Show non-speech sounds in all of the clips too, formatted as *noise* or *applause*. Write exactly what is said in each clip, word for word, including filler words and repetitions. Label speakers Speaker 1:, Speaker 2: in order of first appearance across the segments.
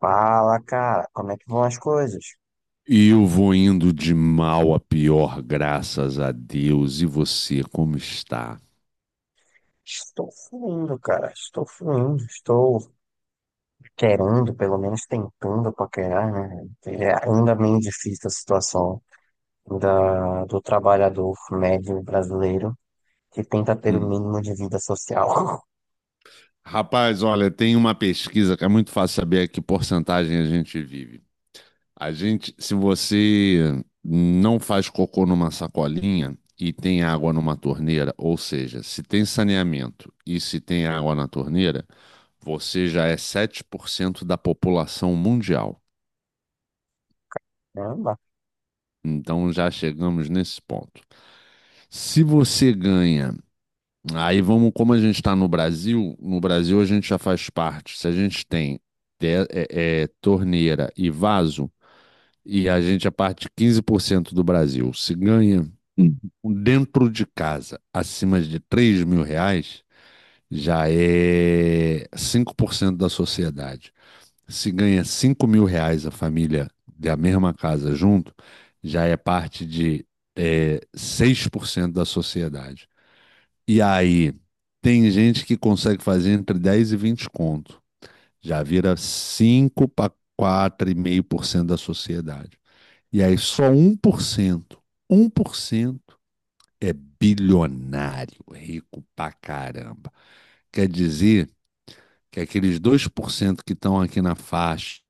Speaker 1: Fala, cara, como é que vão as coisas?
Speaker 2: E eu vou indo de mal a pior, graças a Deus. E você, como está?
Speaker 1: Estou fluindo, cara, estou fluindo, estou querendo, pelo menos tentando paquerar, né? É ainda meio difícil a situação da, do trabalhador médio brasileiro que tenta ter o
Speaker 2: Hum.
Speaker 1: mínimo de vida social.
Speaker 2: Rapaz, olha, tem uma pesquisa que é muito fácil saber que porcentagem a gente vive. A gente, se você não faz cocô numa sacolinha e tem água numa torneira, ou seja, se tem saneamento e se tem água na torneira, você já é sete por cento da população mundial.
Speaker 1: *laughs* Caramba,
Speaker 2: Então já chegamos nesse ponto. Se você ganha Aí vamos, como a gente está no Brasil, no Brasil a gente já faz parte. Se a gente tem te- é, é, torneira e vaso, e a gente é parte de quinze por cento do Brasil, se ganha Hum. dentro de casa acima de três mil reais, já é cinco por cento da sociedade. Se ganha cinco mil reais a família da mesma casa junto, já é parte de é, seis por cento da sociedade. E aí, tem gente que consegue fazer entre dez e vinte conto. Já vira cinco para quatro vírgula cinco por cento da sociedade. E aí, só um um por cento, um por cento é bilionário, rico pra caramba. Quer dizer que aqueles dois por cento que estão aqui na faixa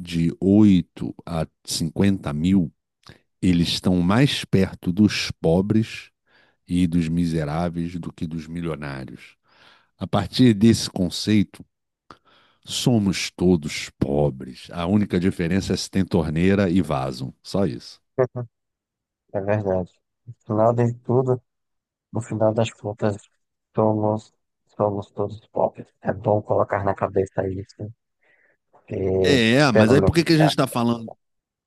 Speaker 2: de oito a cinquenta mil, eles estão mais perto dos pobres e dos miseráveis do que dos milionários. A partir desse conceito, somos todos pobres. A única diferença é se tem torneira e vaso. Só isso.
Speaker 1: é verdade. No final de tudo, no final das contas, somos, somos todos pobres. É bom colocar na cabeça isso, porque
Speaker 2: É,
Speaker 1: pelo
Speaker 2: mas aí
Speaker 1: menos
Speaker 2: por que que a
Speaker 1: é
Speaker 2: gente está falando?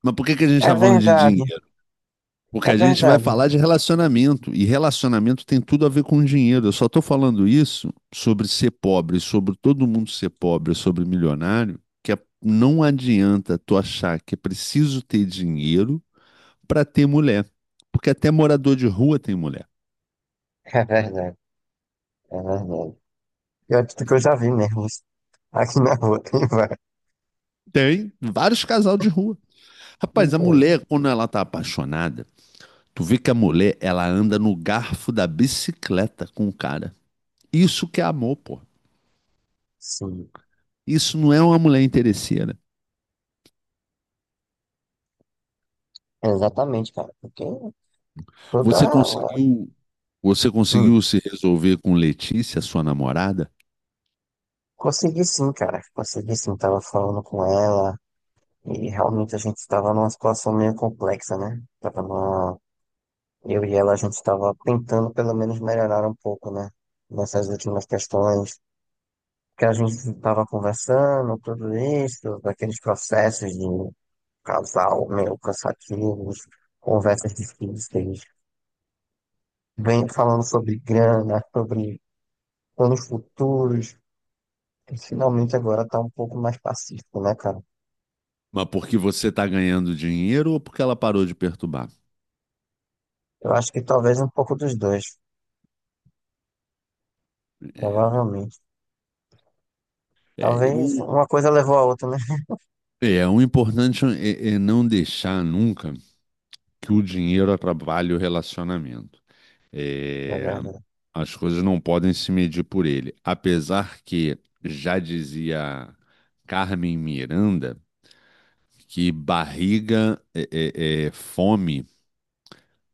Speaker 2: Mas por que que a gente
Speaker 1: é
Speaker 2: está falando de
Speaker 1: verdade.
Speaker 2: dinheiro? Porque
Speaker 1: É
Speaker 2: a gente vai
Speaker 1: verdade, *laughs*
Speaker 2: falar de relacionamento e relacionamento tem tudo a ver com dinheiro. Eu só estou falando isso sobre ser pobre, sobre todo mundo ser pobre, sobre milionário, que é- não adianta tu achar que é preciso ter dinheiro para ter mulher, porque até morador de rua tem mulher.
Speaker 1: é verdade, é verdade. Pior de tudo que eu já vi mesmo. Aqui na rua tem vários.
Speaker 2: Tem vários casal de rua. Rapaz, a
Speaker 1: Então,
Speaker 2: mulher, quando ela tá apaixonada, tu vê que a mulher, ela anda no garfo da bicicleta com o cara. Isso que é amor, pô.
Speaker 1: sim,
Speaker 2: Isso não é uma mulher interesseira.
Speaker 1: exatamente, cara. Porque
Speaker 2: Você
Speaker 1: toda.
Speaker 2: conseguiu, você
Speaker 1: Hum,
Speaker 2: conseguiu se resolver com Letícia, sua namorada?
Speaker 1: Consegui sim, cara. Consegui sim. Tava falando com ela e realmente a gente tava numa situação meio complexa, né? Tava numa... Eu e ela, a gente tava tentando pelo menos melhorar um pouco, né? Nessas últimas questões que a gente tava conversando, tudo isso, daqueles processos de casal meio cansativos, conversas difíceis, vem falando sobre grana, sobre planos futuros, e finalmente agora tá um pouco mais pacífico, né, cara?
Speaker 2: Mas porque você tá ganhando dinheiro ou porque ela parou de perturbar?
Speaker 1: Eu acho que talvez um pouco dos dois,
Speaker 2: É,
Speaker 1: provavelmente.
Speaker 2: é,
Speaker 1: Talvez
Speaker 2: o,
Speaker 1: uma coisa levou a outra, né?
Speaker 2: é, é, o importante é, é não deixar nunca que o dinheiro atrapalhe o relacionamento.
Speaker 1: É
Speaker 2: É,
Speaker 1: verdade,
Speaker 2: As coisas não podem se medir por ele. Apesar que já dizia Carmen Miranda que barriga é, é- é fome.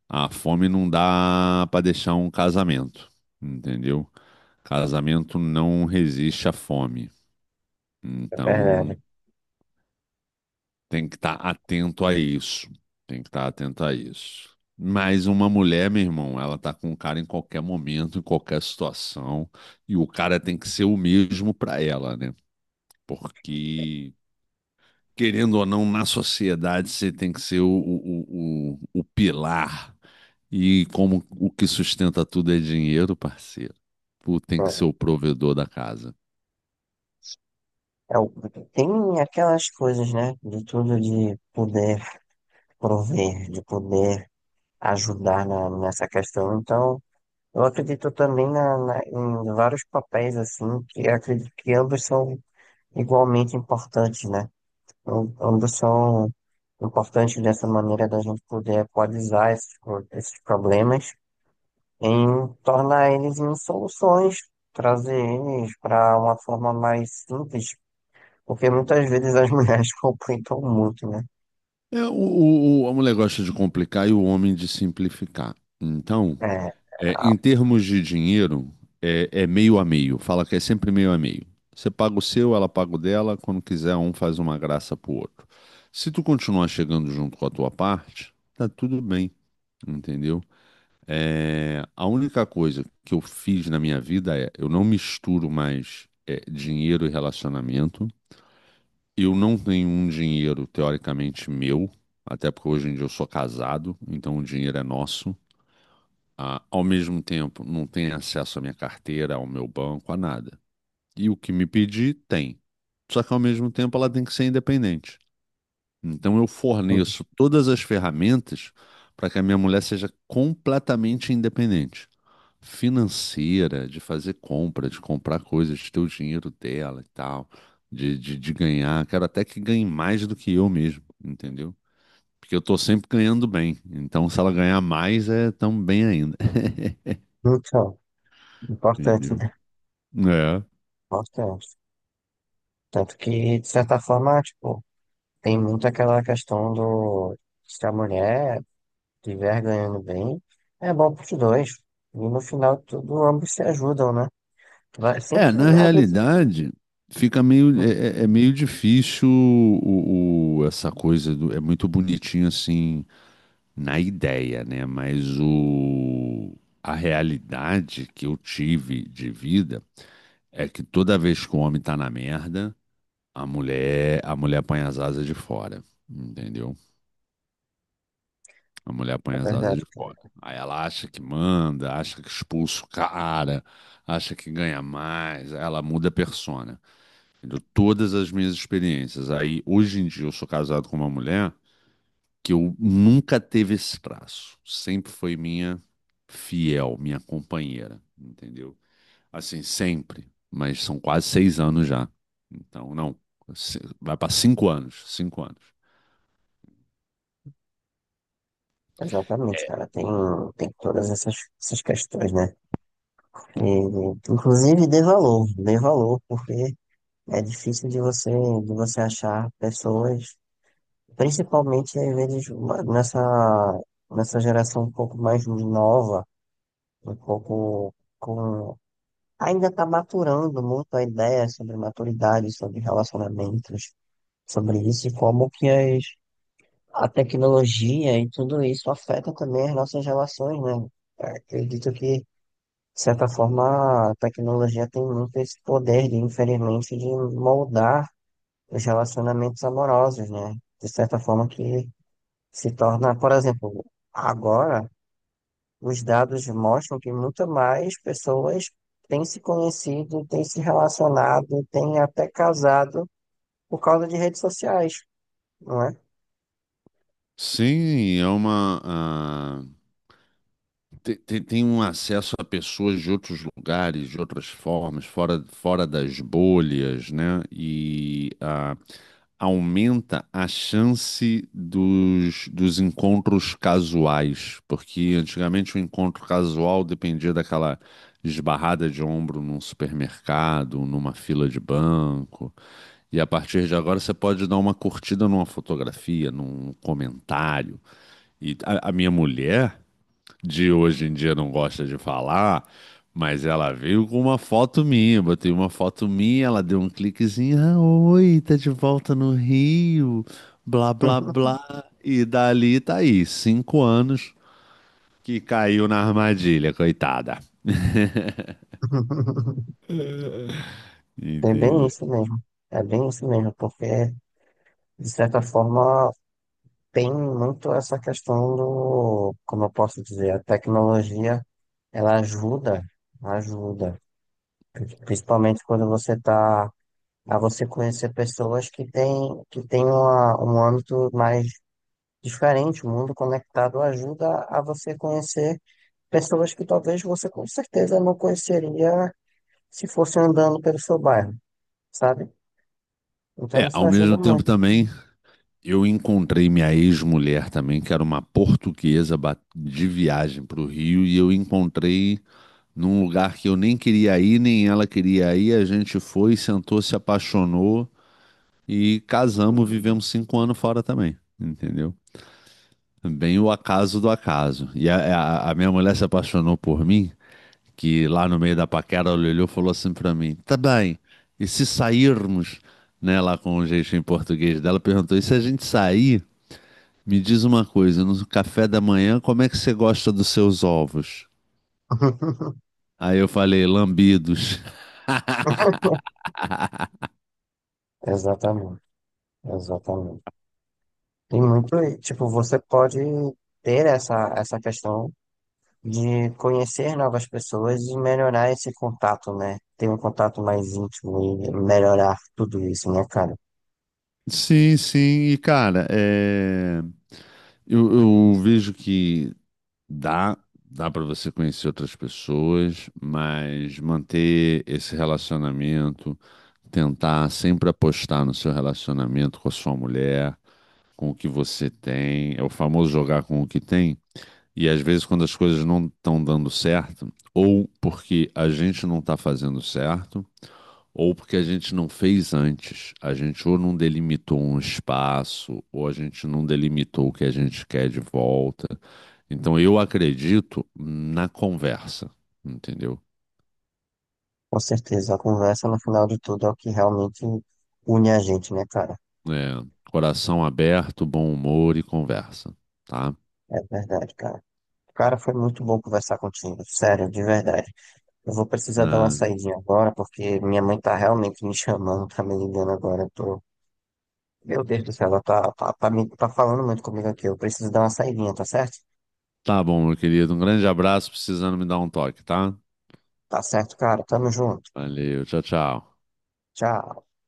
Speaker 2: A fome não dá para deixar um casamento, entendeu? Casamento não resiste à fome.
Speaker 1: é
Speaker 2: Então,
Speaker 1: verdade.
Speaker 2: tem que estar atento a isso. Tem que estar atento a isso. Mas uma mulher, meu irmão, ela tá com um cara em qualquer momento, em qualquer situação, e o cara tem que ser o mesmo pra ela, né? Porque, querendo ou não, na sociedade você tem que ser o, o, o, o pilar. E como o que sustenta tudo é dinheiro, parceiro, tu tem que ser o provedor da casa.
Speaker 1: É, o- Tem aquelas coisas, né? De tudo de poder prover, de poder ajudar na- nessa questão. Então, eu acredito também na, na- em vários papéis, assim, que eu acredito que ambos são igualmente importantes, né? Am- Ambos são importantes dessa maneira da gente poder equalizar esses, pro- esses problemas em tornar eles em soluções, trazer eles para uma forma mais simples, porque muitas vezes as *laughs* mulheres complicam muito, né?
Speaker 2: É, o, o- o- a mulher gosta de complicar e o homem de simplificar. Então,
Speaker 1: É,
Speaker 2: É,
Speaker 1: a-
Speaker 2: em termos de dinheiro, é, é meio a meio. Fala que é sempre meio a meio. Você paga o seu, ela paga o dela. Quando quiser, um faz uma graça pro outro. Se tu continuar chegando junto com a tua parte, tá tudo bem, entendeu? É, a única coisa que eu fiz na minha vida é eu não misturo mais é, dinheiro e relacionamento. Eu não tenho um dinheiro teoricamente meu, até porque hoje em dia eu sou casado, então o dinheiro é nosso. Ah, ao mesmo tempo, não tem acesso à minha carteira, ao meu banco, a nada. E o que me pedir, tem. Só que ao mesmo tempo ela tem que ser independente. Então eu forneço todas as ferramentas para que a minha mulher seja completamente independente. Financeira, de fazer compra, de comprar coisas, de ter o dinheiro dela e tal, de, de, de ganhar. Quero até que ganhe mais do que eu mesmo, entendeu? Porque eu tô sempre ganhando bem. Então, se ela ganhar mais, é tão bem ainda.
Speaker 1: então,
Speaker 2: *laughs*
Speaker 1: importante,
Speaker 2: Entendeu?
Speaker 1: né?
Speaker 2: É.
Speaker 1: Importante. Tanto que, de certa forma, tipo, tem muito aquela questão do se a mulher estiver ganhando bem, é bom para os dois. E no final, tudo, ambos se ajudam, né? Vai,
Speaker 2: É,
Speaker 1: sempre
Speaker 2: na
Speaker 1: a gente-
Speaker 2: realidade, fica meio,
Speaker 1: Hum,
Speaker 2: é, é- é meio difícil o, o- essa coisa do, é muito bonitinho assim na ideia, né? Mas o, a realidade que eu tive de vida é que toda vez que o homem tá na merda, a mulher, a mulher põe as asas de fora, entendeu? A mulher põe
Speaker 1: é
Speaker 2: as asas
Speaker 1: verdade,
Speaker 2: de
Speaker 1: cara.
Speaker 2: fora. Aí ela acha que manda, acha que expulsa o cara, acha que ganha mais, aí ela muda a persona. Entendeu? Todas as minhas experiências. Aí, hoje em dia, eu sou casado com uma mulher que eu nunca teve esse traço. Sempre foi minha fiel, minha companheira, entendeu? Assim, sempre. Mas são quase seis anos já. Então, não. se- Vai para cinco anos. Cinco anos.
Speaker 1: Exatamente,
Speaker 2: É.
Speaker 1: cara. Tem, tem todas essas, essas questões, né? E inclusive, dê valor, dê valor, porque é difícil de você, de você achar pessoas, principalmente às vezes uma- nessa, nessa geração um pouco mais nova, um pouco com ainda está maturando muito a ideia sobre maturidade, sobre relacionamentos, sobre isso e como que as, a tecnologia e tudo isso afeta também as nossas relações, né? Eu acredito que, de certa forma, a tecnologia tem muito esse poder, de, infelizmente, de moldar os relacionamentos amorosos, né? De certa forma que se torna, por exemplo, agora os dados mostram que muito mais pessoas têm se conhecido, têm se relacionado, têm até casado por causa de redes sociais, não é?
Speaker 2: Sim, é uma. Ah, Tem, tem- tem um acesso a pessoas de outros lugares, de outras formas, fora, fora das bolhas, né? E ah, aumenta a chance dos, dos encontros casuais, porque antigamente o encontro casual dependia daquela esbarrada de ombro num supermercado, numa fila de banco. E a partir de agora você pode dar uma curtida numa fotografia, num comentário. E a, a minha mulher de hoje em dia não gosta de falar, mas ela veio com uma foto minha. Botei uma foto minha, ela deu um cliquezinho. Ah, oi, tá de volta no Rio, blá, blá, blá. E dali tá aí, cinco anos que caiu na armadilha, coitada.
Speaker 1: *laughs* É bem
Speaker 2: Entendeu?
Speaker 1: isso mesmo. É bem isso mesmo, porque, de certa forma, tem muito essa questão do, como eu posso dizer, a tecnologia, ela ajuda, ajuda, principalmente quando você está a você conhecer pessoas que têm que têm uma, um âmbito mais diferente, o mundo conectado ajuda a você conhecer pessoas que talvez você com certeza não conheceria se fosse andando pelo seu bairro, sabe? Então
Speaker 2: É,
Speaker 1: isso
Speaker 2: ao
Speaker 1: ajuda
Speaker 2: mesmo tempo
Speaker 1: muito.
Speaker 2: também, eu encontrei minha ex-mulher também, que era uma portuguesa ba- de viagem para o Rio, e eu encontrei num lugar que eu nem queria ir, nem ela queria ir. A gente foi, sentou, se apaixonou e casamos, vivemos cinco anos fora também, entendeu? Bem o acaso do acaso. E a, a- a minha mulher se apaixonou por mim, que lá no meio da paquera ela olhou e falou assim pra mim: tá bem, e se sairmos, né, lá com o jeitinho português dela, perguntou: e se a gente sair? Me diz uma coisa, no café da manhã, como é que você gosta dos seus ovos?
Speaker 1: *laughs*
Speaker 2: Aí eu falei, lambidos.
Speaker 1: Exatamente, exatamente. Tem muito, e, tipo, você pode ter essa, essa questão de conhecer novas pessoas e melhorar esse contato, né? Ter um contato mais íntimo e melhorar tudo isso, né, cara?
Speaker 2: Sim, sim. E, cara, é... eu, eu vejo que dá, dá para você conhecer outras pessoas, mas manter esse relacionamento, tentar sempre apostar no seu relacionamento com a sua mulher, com o que você tem, é o famoso jogar com o que tem. E às vezes, quando as coisas não estão dando certo, ou porque a gente não está fazendo certo. Ou porque a gente não fez antes. A gente ou não delimitou um espaço, ou a gente não delimitou o que a gente quer de volta. Então eu acredito na conversa, entendeu?
Speaker 1: Com certeza, a conversa no final de tudo é o que realmente une a gente, né, cara?
Speaker 2: É, coração aberto, bom humor e conversa, tá?
Speaker 1: É verdade, cara. Cara, foi muito bom conversar contigo, sério, de verdade. Eu vou precisar dar uma
Speaker 2: É,
Speaker 1: saidinha agora, porque minha mãe tá realmente me chamando, tá me ligando agora. Eu tô... Meu Deus do céu, ela tá, tá, tá, me, tá falando muito comigo aqui. Eu preciso dar uma saidinha, tá certo?
Speaker 2: tá bom, meu querido. Um grande abraço, precisando me dar um toque, tá?
Speaker 1: Tá certo, cara. Tamo junto.
Speaker 2: Valeu, tchau, tchau.
Speaker 1: Tchau.